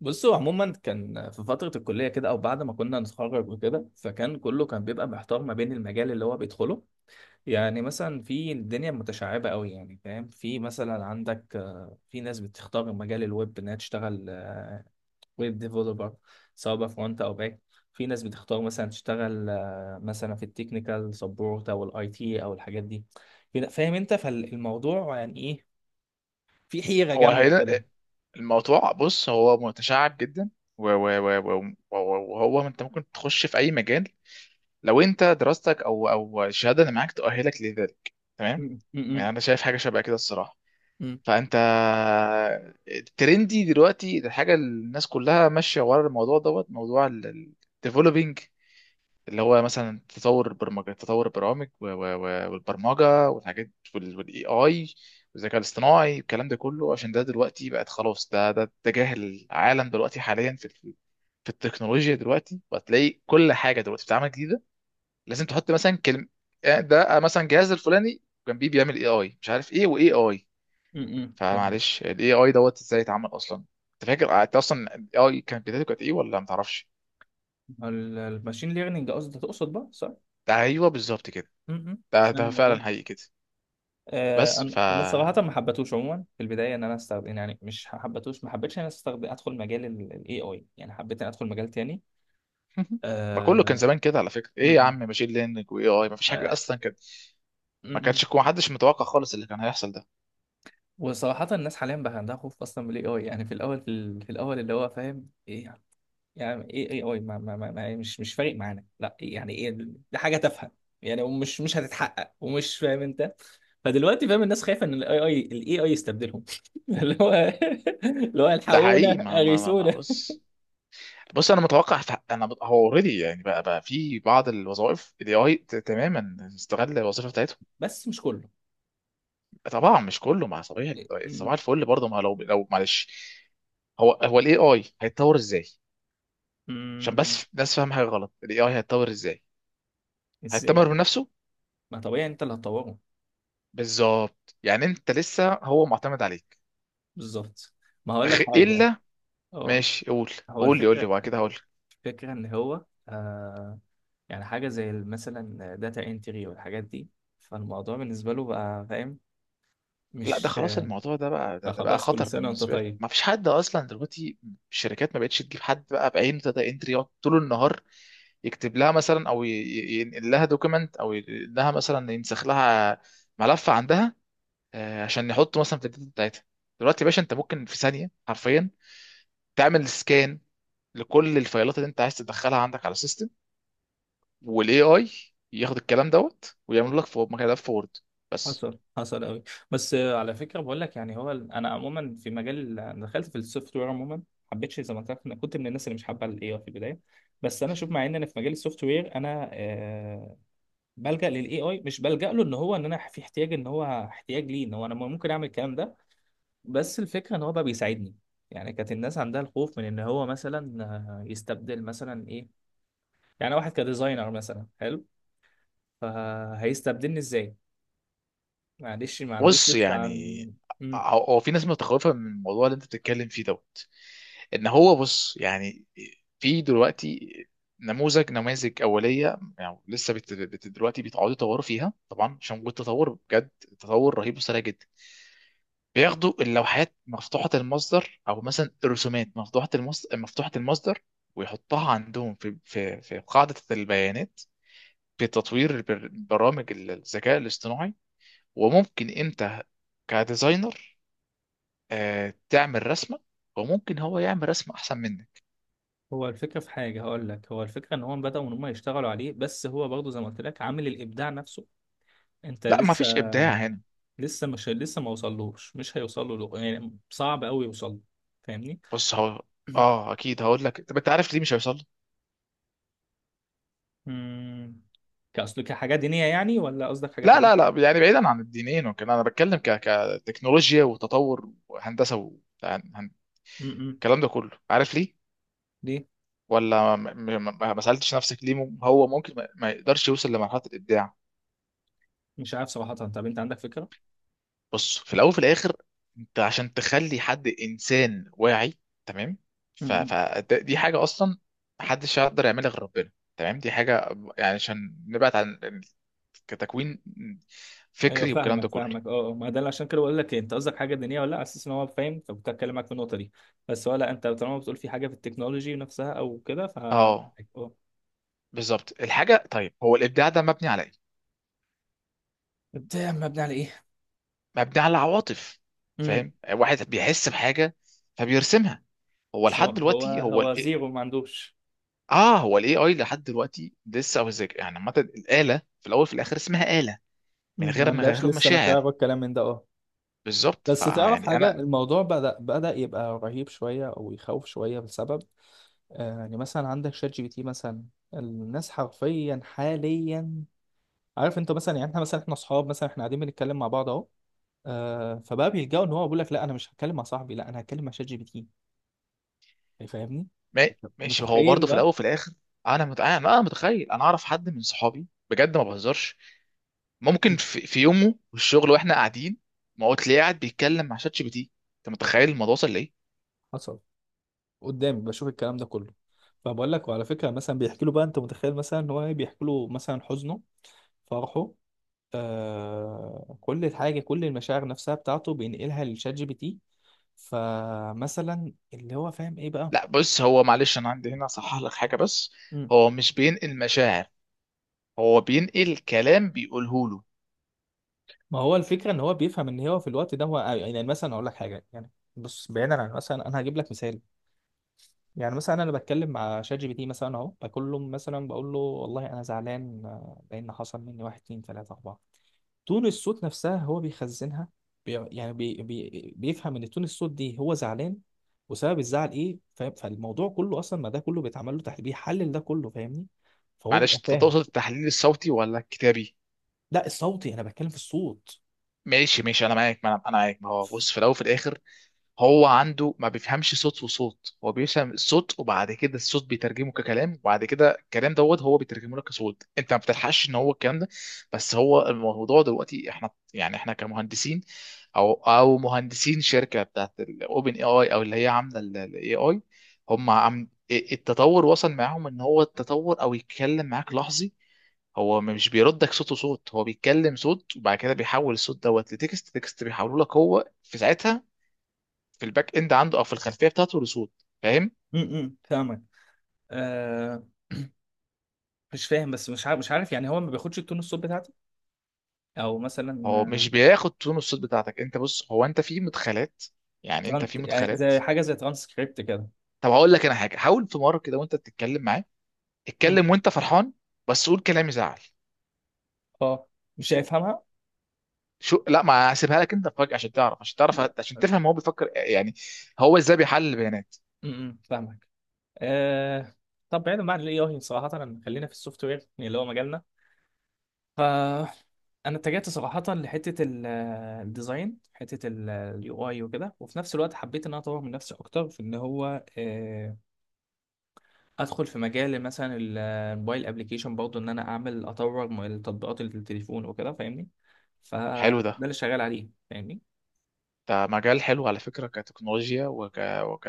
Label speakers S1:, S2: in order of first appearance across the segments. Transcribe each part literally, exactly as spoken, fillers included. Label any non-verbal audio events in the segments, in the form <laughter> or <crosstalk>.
S1: بصوا عموما كان في فترة الكلية كده أو بعد ما كنا نتخرج وكده فكان كله كان بيبقى محتار ما بين المجال اللي هو بيدخله. يعني مثلا في الدنيا متشعبة قوي، يعني فاهم، في مثلا عندك، آه، في ناس بتختار مجال الويب إنها تشتغل ويب ديفلوبر، سواء بقى فرونت أو باك. في ناس بتختار مثلا تشتغل، آه، مثلا في التكنيكال سبورت أو الأي تي أو الحاجات دي، كده فاهم أنت فالموضوع يعني إيه. في حيرة
S2: هو
S1: جامدة
S2: هنا
S1: كده.
S2: الموضوع، بص هو متشعب جدا. و- و- و- و- وهو انت ممكن تخش في اي مجال لو انت دراستك او او الشهاده اللي معاك تؤهلك لذلك، تمام؟
S1: م- م-
S2: يعني
S1: م-
S2: انا شايف حاجه شبه كده الصراحه.
S1: م-
S2: فانت الترندي دلوقتي، الحاجه اللي الناس كلها ماشيه ورا الموضوع دوت موضوع الديفلوبينج، اللي هو مثلا تطور البرمجه، تطور البرامج و- و- و- والبرمجه والحاجات والاي اي والذكاء الاصطناعي والكلام ده كله. عشان ده دلوقتي بقت خلاص، ده ده اتجاه العالم دلوقتي حاليا في ال- في التكنولوجيا دلوقتي. وهتلاقي كل حاجه دلوقتي بتتعمل جديده لازم تحط مثلا كلمه، ده مثلا جهاز الفلاني جنبيه بيعمل اي اي، مش عارف ايه واي اي.
S1: م- م- فاهمك.
S2: فمعلش، الاي اي دوت ازاي اتعمل اصلا؟ انت فاكر انت اصلا الاي اي كانت بدايته كانت ايه ولا ما تعرفش؟
S1: ال- الماشين ليرنينج قصدي تقصد بقى، صح؟
S2: ده ايوه بالظبط كده،
S1: م- م.
S2: ده
S1: فاهم
S2: ده
S1: الموضوع.
S2: فعلا حقيقي كده.
S1: آه،
S2: بس
S1: انا
S2: ف،
S1: انا صراحه ما حبيتهوش عموما في البدايه ان انا استخدم، يعني مش حبيتهوش، ما حبيتش ان انا استخدم ادخل مجال الاي اي. يعني حبيت ان ادخل مجال تاني.
S2: ما كله كان
S1: آه،
S2: زمان كده على فكره،
S1: م-
S2: ايه يا
S1: م.
S2: عم ماشين ليرنينج واي اي، ما فيش حاجه
S1: آه،
S2: اصلا كده.
S1: م-
S2: ما
S1: م.
S2: كانش، ما حدش متوقع خالص اللي كان هيحصل ده.
S1: وصراحه الناس حاليا بقى عندها خوف اصلا من الاي اي. يعني في الاول، في, ال- في الاول، اللي هو فاهم ايه يعني، ايه ايه اي ما ما ما ما- يعني مش مش فارق معانا، لا يعني ايه، دي حاجه تافهه يعني، ومش مش هتتحقق، ومش فاهم انت. فدلوقتي فاهم، الناس خايفه ان الاي اي، الاي اي يستبدلهم <laughs> اللي هو، اللي هو،
S2: ده
S1: الحقونا،
S2: حقيقي، ما ما ما, ما
S1: اغيثونا.
S2: بص، بص انا متوقع في، انا مت- هو اوريدي يعني بقى بقى في بعض الوظائف الاي اي تماما استغل الوظيفه بتاعتهم.
S1: بس مش كله.
S2: طبعا مش كله، مع صباح،
S1: إيه، م-
S2: صباح الفل برضه. ما لو لو معلش، هو هو الاي اي هيتطور ازاي؟ عشان
S1: م-
S2: بس الناس فاهم حاجه غلط، الاي اي هيتطور ازاي؟
S1: ازاي؟
S2: هيتطور بنفسه.
S1: ما طبيعي انت اللي هتطوره.
S2: بالظبط، يعني انت لسه هو معتمد عليك.
S1: بالظبط. ما هقول لك
S2: غ-
S1: حاجه.
S2: الا،
S1: اه.
S2: ماشي قول.
S1: هو
S2: قول لي، قول لي
S1: الفكره،
S2: وبعد كده هقول لك.
S1: الفكره ان هو آه، يعني حاجه زي مثلا داتا انتري والحاجات دي، فالموضوع بالنسبه له بقى فاهم
S2: لا، ده
S1: مش...
S2: خلاص الموضوع ده بقى، ده,
S1: لا
S2: ده بقى
S1: خلاص، كل
S2: خطر
S1: سنة وانت
S2: بالنسبه لك،
S1: طيب.
S2: ما فيش حد اصلا دلوقتي. الشركات ما بقتش تجيب حد بقى بعينه داتا انتري يقعد طول النهار يكتب لها مثلا او ي- ي- ينقل لها دوكيمنت، او ينقل لها مثلا، ينسخ لها ملف عندها، آه، عشان يحط مثلا في الداتا بتاعتها. دلوقتي يا باشا انت ممكن في ثانيه حرفيا تعمل سكان لكل الفايلات اللي انت عايز تدخلها عندك على السيستم، والاي اي ياخد الكلام دوت ويعمل لك في ملف وورد، بس.
S1: حصل، حصل قوي. بس آه، على فكرة بقول لك، يعني هو ال- انا عموما في مجال، أنا دخلت في السوفت وير عموما ما حبيتش، زي ما قلت لك انا كنت من الناس اللي مش حابة الاي اي في البداية. بس انا شوف، مع ان انا في مجال السوفت وير، انا آه بلجأ للاي اي. مش بلجأ له ان هو ان انا في احتياج، ان هو احتياج ليه، ان هو انا ممكن اعمل الكلام ده. بس الفكرة ان هو بقى بيساعدني. يعني كانت الناس عندها الخوف من ان هو مثلا آه، يستبدل مثلا ايه. يعني واحد كديزاينر مثلا حلو، فهيستبدلني ازاي. معلش ما عندوش
S2: بص
S1: لسه عن...
S2: يعني،
S1: مم.
S2: هو هو في ناس متخوفه من الموضوع اللي انت بتتكلم فيه دوت، ان هو بص يعني، في دلوقتي نموذج، نماذج اوليه يعني لسه بت... بت... دلوقتي بيتعودوا يطوروا فيها طبعا، عشان وجود تطور بجد، تطور رهيب وسريع جدا. بياخدوا اللوحات مفتوحه المصدر او مثلا الرسومات مفتوحه المصدر، مفتوحه المصدر ويحطها عندهم في في في قاعده البيانات، في تطوير البر- برامج الذكاء الاصطناعي. وممكن انت كديزاينر، آه، تعمل رسمه، وممكن هو يعمل رسمه احسن منك.
S1: هو الفكرة في حاجة هقول لك، هو الفكرة ان هم بدأوا ان هم يشتغلوا عليه، بس هو برضه زي ما قلت لك عامل الابداع نفسه، انت
S2: لا، ما
S1: لسه،
S2: فيش ابداع هنا.
S1: لسه مش لسه ما وصلوش، مش هيوصل له، يعني صعب قوي يوصل له. فاهمني.
S2: بص هو، اه اكيد، هقول لك: طب انت عارف ليه مش هيوصل له؟
S1: امم. كأصل كحاجة دينية يعني، ولا قصدك حاجة
S2: لا لا
S1: تانية؟
S2: لا يعني بعيدا عن الدينين وكده، انا بتكلم ك كتكنولوجيا وتطور وهندسه و... هن- هن-
S1: امم.
S2: الكلام ده كله، عارف ليه؟
S1: ليه؟
S2: ولا ما ما- ما- ما سالتش نفسك ليه مم- هو ممكن ما ما يقدرش يوصل لمرحله الابداع؟
S1: مش عارف صراحة، طب انت عندك
S2: بص، في الاول وفي الاخر، انت عشان تخلي حد انسان واعي، تمام،
S1: فكرة.
S2: فدي حاجه اصلا محدش يقدر يعملها غير ربنا، تمام. دي حاجه، يعني عشان نبعد عن ال- كتكوين
S1: ايوه
S2: فكري والكلام ده
S1: فاهمك،
S2: كله.
S1: فاهمك. اه آه، ما ده اللي عشان كده بقول لك إيه، انت قصدك حاجه دينيه ولا لا، على اساس ان هو فاهم، فكنت هتكلم معاك في النقطه دي، بس ولا انت طالما بتقول في حاجه في التكنولوجي نفسها او كده ف... اه.
S2: اه بالظبط الحاجه. طيب هو الابداع ده مبني على ايه؟
S1: ده مبني على ايه؟
S2: مبني على عواطف،
S1: امم.
S2: فاهم؟ واحد بيحس بحاجه فبيرسمها. هو
S1: سواء
S2: لحد
S1: هو،
S2: دلوقتي هو
S1: هو
S2: ال
S1: زيرو ما عندوش.
S2: اه، هو الاي اي لحد دلوقتي لسه، او ازاي يعني؟ عامه الاله في الاول في الاخر اسمها اله، من
S1: مم، ما
S2: غير من
S1: عندهاش
S2: غير
S1: لسه مشاعر
S2: مشاعر.
S1: والكلام من ده، اه.
S2: بالظبط،
S1: بس تعرف
S2: فيعني
S1: حاجة،
S2: انا،
S1: الموضوع بدأ بدأ يبقى رهيب شوية أو يخوف شوية بسبب آه، يعني مثلا عندك شات جي بي تي مثلا. الناس حرفيا حاليا، عارف انت مثلا، يعني احنا مثلا، احنا اصحاب مثلا، احنا قاعدين بنتكلم مع بعض اهو، آه، فبقى بيلجأوا ان هو بيقول لك لا انا مش هتكلم مع صاحبي، لا انا هتكلم مع شات جي بي تي. يعني فاهمني،
S2: ما- ماشي، هو برضه
S1: متخيل
S2: في
S1: بقى؟
S2: الاول وفي الاخر. انا مت... انا أنا متخيل، انا اعرف حد من صحابي بجد ما بهزرش، ممكن في, في يومه في الشغل واحنا قاعدين، ما هو تلاقيه قاعد بيتكلم مع شات جي بي تي. انت متخيل الموضوع وصل لايه؟
S1: حصل، قدامي بشوف الكلام ده كله. فبقول لك، وعلى فكره مثلا بيحكي له بقى، انت متخيل مثلا ان هو إيه؟ بيحكي له مثلا حزنه، فرحه، آه، كل حاجه، كل المشاعر نفسها بتاعته بينقلها للشات جي بي تي. فمثلا اللي هو فاهم ايه بقى.
S2: لا بص، هو معلش انا عندي هنا اصحح لك حاجه بس.
S1: مم.
S2: هو مش بينقل مشاعر، هو بينقل كلام بيقوله له.
S1: ما هو الفكره ان هو بيفهم ان هو في الوقت ده، هو يعني مثلا اقول لك حاجه يعني، بص بعيدا عن مثلا، انا هجيب لك مثال. يعني مثلا انا بتكلم مع شات جي بي تي مثلا اهو، بقول له مثلا، بقول له والله انا زعلان، آه، لان حصل مني واحد اتنين تلاته اربعه. تون الصوت نفسها هو بيخزنها. بي يعني بي بي بيفهم ان تون الصوت دي هو زعلان، وسبب الزعل ايه، فاهم؟ فالموضوع كله اصلا، ما ده كله بيتعمل له تحليل، بيحلل ده كله، فاهمني. فهو
S2: معلش
S1: بيبقى
S2: انت
S1: فاهم.
S2: تقصد التحليل الصوتي ولا الكتابي؟
S1: لا الصوتي، انا بتكلم في الصوت.
S2: ماشي ماشي انا معاك، ما انا أنا معاك. ما هو بص، في الاول وفي الاخر، هو عنده ما بيفهمش صوت وصوت، هو بيفهم الصوت وبعد كده الصوت بيترجمه ككلام، وبعد كده الكلام دوت هو بيترجمه لك كصوت. انت ما بتلحقش ان هو الكلام ده، بس هو الموضوع دلوقتي، احنا يعني احنا كمهندسين او او مهندسين شركه بتاعت الاوبن اي اي، او اللي هي عامله الاي اي، هم عم التطور وصل معاهم ان هو التطور او يتكلم معاك لحظي. هو مش بيردك صوت وصوت، هو بيتكلم صوت وبعد كده بيحول الصوت دوت لتكست، تكست بيحوله لك هو في ساعتها في الباك اند عنده، او في الخلفيه بتاعته لصوت. فاهم؟
S1: امم فاهمك. آه. مش فاهم، بس مش عارف، مش عارف، يعني هو ما بياخدش التون الصوت بتاعتي، او مثلا
S2: هو مش
S1: آه،
S2: بياخد تون الصوت بتاعتك انت، بص هو، انت في مدخلات، يعني انت
S1: تران-
S2: في
S1: يعني
S2: مدخلات.
S1: زي حاجه زي ترانسكريبت كده.
S2: طب هقول لك انا حاجه، حاول في مره كده وانت بتتكلم معاه اتكلم وانت فرحان، بس قول كلام يزعل.
S1: اه. مش هيفهمها.
S2: شو لا، ما هسيبها لك انت فجأة عشان تعرف، عشان تعرف،
S1: لا.
S2: عشان تفهم هو بيفكر يعني، هو ازاي بيحلل البيانات.
S1: امم فاهمك. آه. طب بعيدا عن الاي اي صراحه، أنا- خلينا في السوفت وير يعني اللي هو مجالنا. ف انا اتجهت صراحه لحته ال- الديزاين، حته اليو اي وكده، وفي نفس الوقت حبيت ان انا اطور من نفسي اكتر في ان هو آه، ادخل في مجال مثلا ال- الموبايل ابلكيشن برضه، ان انا اعمل اطور م- التطبيقات اللي في التليفون وكده، فاهمني.
S2: حلو
S1: فده
S2: ده،
S1: اللي شغال عليه، فاهمني.
S2: ده مجال حلو على فكره كتكنولوجيا وك... وك،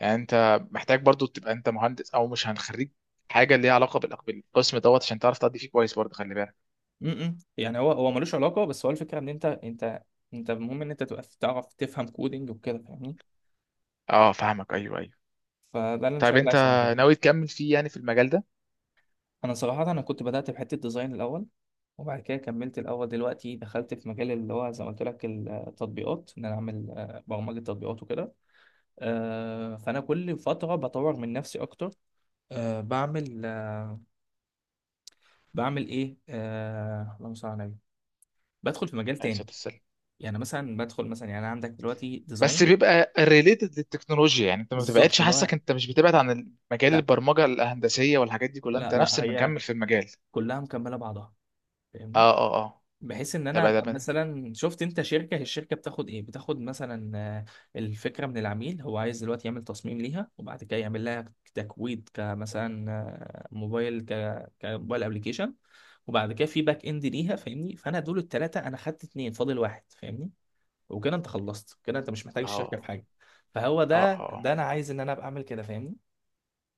S2: يعني انت محتاج برضو تبقى انت مهندس، او مش هنخرج، حاجه ليها علاقه بالأق- بالقسم دوت عشان تعرف تأدي فيه كويس برضه، خلي بالك.
S1: م-م. يعني هو، هو ملوش علاقه، بس هو الفكره ان انت، انت انت المهم ان انت تبقى تعرف تفهم كودينج وكده فاهمني.
S2: اه فاهمك، ايوه ايوه.
S1: فده اللي انا
S2: طيب
S1: شغال عليه
S2: انت
S1: صراحه.
S2: ناوي تكمل فيه يعني، في المجال ده؟
S1: انا صراحه انا كنت بدات بحته ديزاين الاول، وبعد كده كملت، الاول دلوقتي دخلت في مجال اللي هو زي ما قلت لك التطبيقات، ان انا اعمل آه، برمجه تطبيقات وكده. آه، فانا كل فتره بطور من نفسي اكتر، آه، بعمل آه، بعمل ايه آه، اللهم صل على النبي، بدخل في مجال
S2: عليه الصلاه
S1: تاني.
S2: والسلام.
S1: يعني مثلا بدخل مثلا يعني، أنا عندك دلوقتي
S2: بس
S1: ديزاين.
S2: بيبقى ريليتد للتكنولوجيا يعني، انت ما
S1: بالظبط
S2: بتبعدش،
S1: اللي هو.
S2: حاسك انت مش بتبعد عن مجال
S1: لا
S2: البرمجه الهندسيه والحاجات دي كلها، انت
S1: لا
S2: نفس
S1: لا، هي
S2: المكمل في المجال.
S1: كلها مكمله بعضها، فاهمني.
S2: اه اه اه،
S1: بحيث ان
S2: طب
S1: انا ابقى
S2: ده،
S1: مثلا، شفت انت شركه هي الشركه بتاخد ايه، بتاخد مثلا آه، الفكره من العميل، هو عايز دلوقتي يعمل تصميم ليها، وبعد كده يعمل لها تكويد كمثلا آه، موبايل ك كموبايل ابلكيشن، وبعد كده في باك اند ليها، فاهمني. فانا دول الثلاثه انا خدت اتنين، فاضل واحد، فاهمني. وكده انت خلصت كده، انت مش محتاج الشركه في
S2: اه
S1: حاجه. فهو
S2: اه
S1: ده
S2: اه
S1: ده انا عايز ان انا ابقى اعمل كده، فاهمني.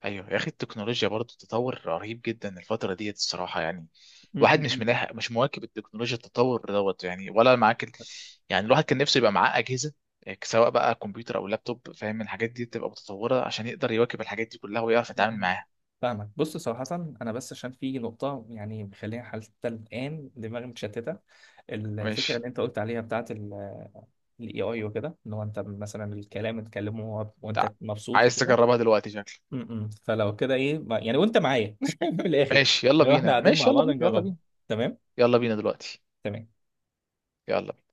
S2: ايوه يا اخي التكنولوجيا برضه تطور رهيب جدا الفتره ديت الصراحه، يعني
S1: م-
S2: الواحد
S1: م-
S2: مش
S1: م.
S2: ملاحق، مش مواكب التكنولوجيا، التطور دوت يعني، ولا معاك ال... يعني الواحد كان نفسه يبقى معاه اجهزه، يعني سواء بقى كمبيوتر او لابتوب فاهم، الحاجات دي تبقى متطوره عشان يقدر يواكب الحاجات دي كلها ويعرف يتعامل معاها.
S1: فاهمك. بص صراحة، أنا بس عشان في نقطة يعني مخليها حتى الآن دماغي متشتتة. ال- الفكرة
S2: ماشي،
S1: اللي أنت قلت عليها بتاعة ال A I وكده، إن هو أنت مثلا الكلام تكلمه، وهو-
S2: تع...
S1: وأنت مبسوط
S2: عايز
S1: وكده.
S2: تجربها دلوقتي شكلك.
S1: م- م. فلو كده إيه ما- يعني وأنت معايا <laughs> من الآخر.
S2: ماشي يلا
S1: لو إحنا
S2: بينا،
S1: قاعدين
S2: ماشي
S1: مع
S2: يلا
S1: بعض
S2: بينا يلا
S1: نجربها،
S2: بينا.
S1: تمام.
S2: يلا بينا دلوقتي،
S1: تمام.
S2: يلا بينا.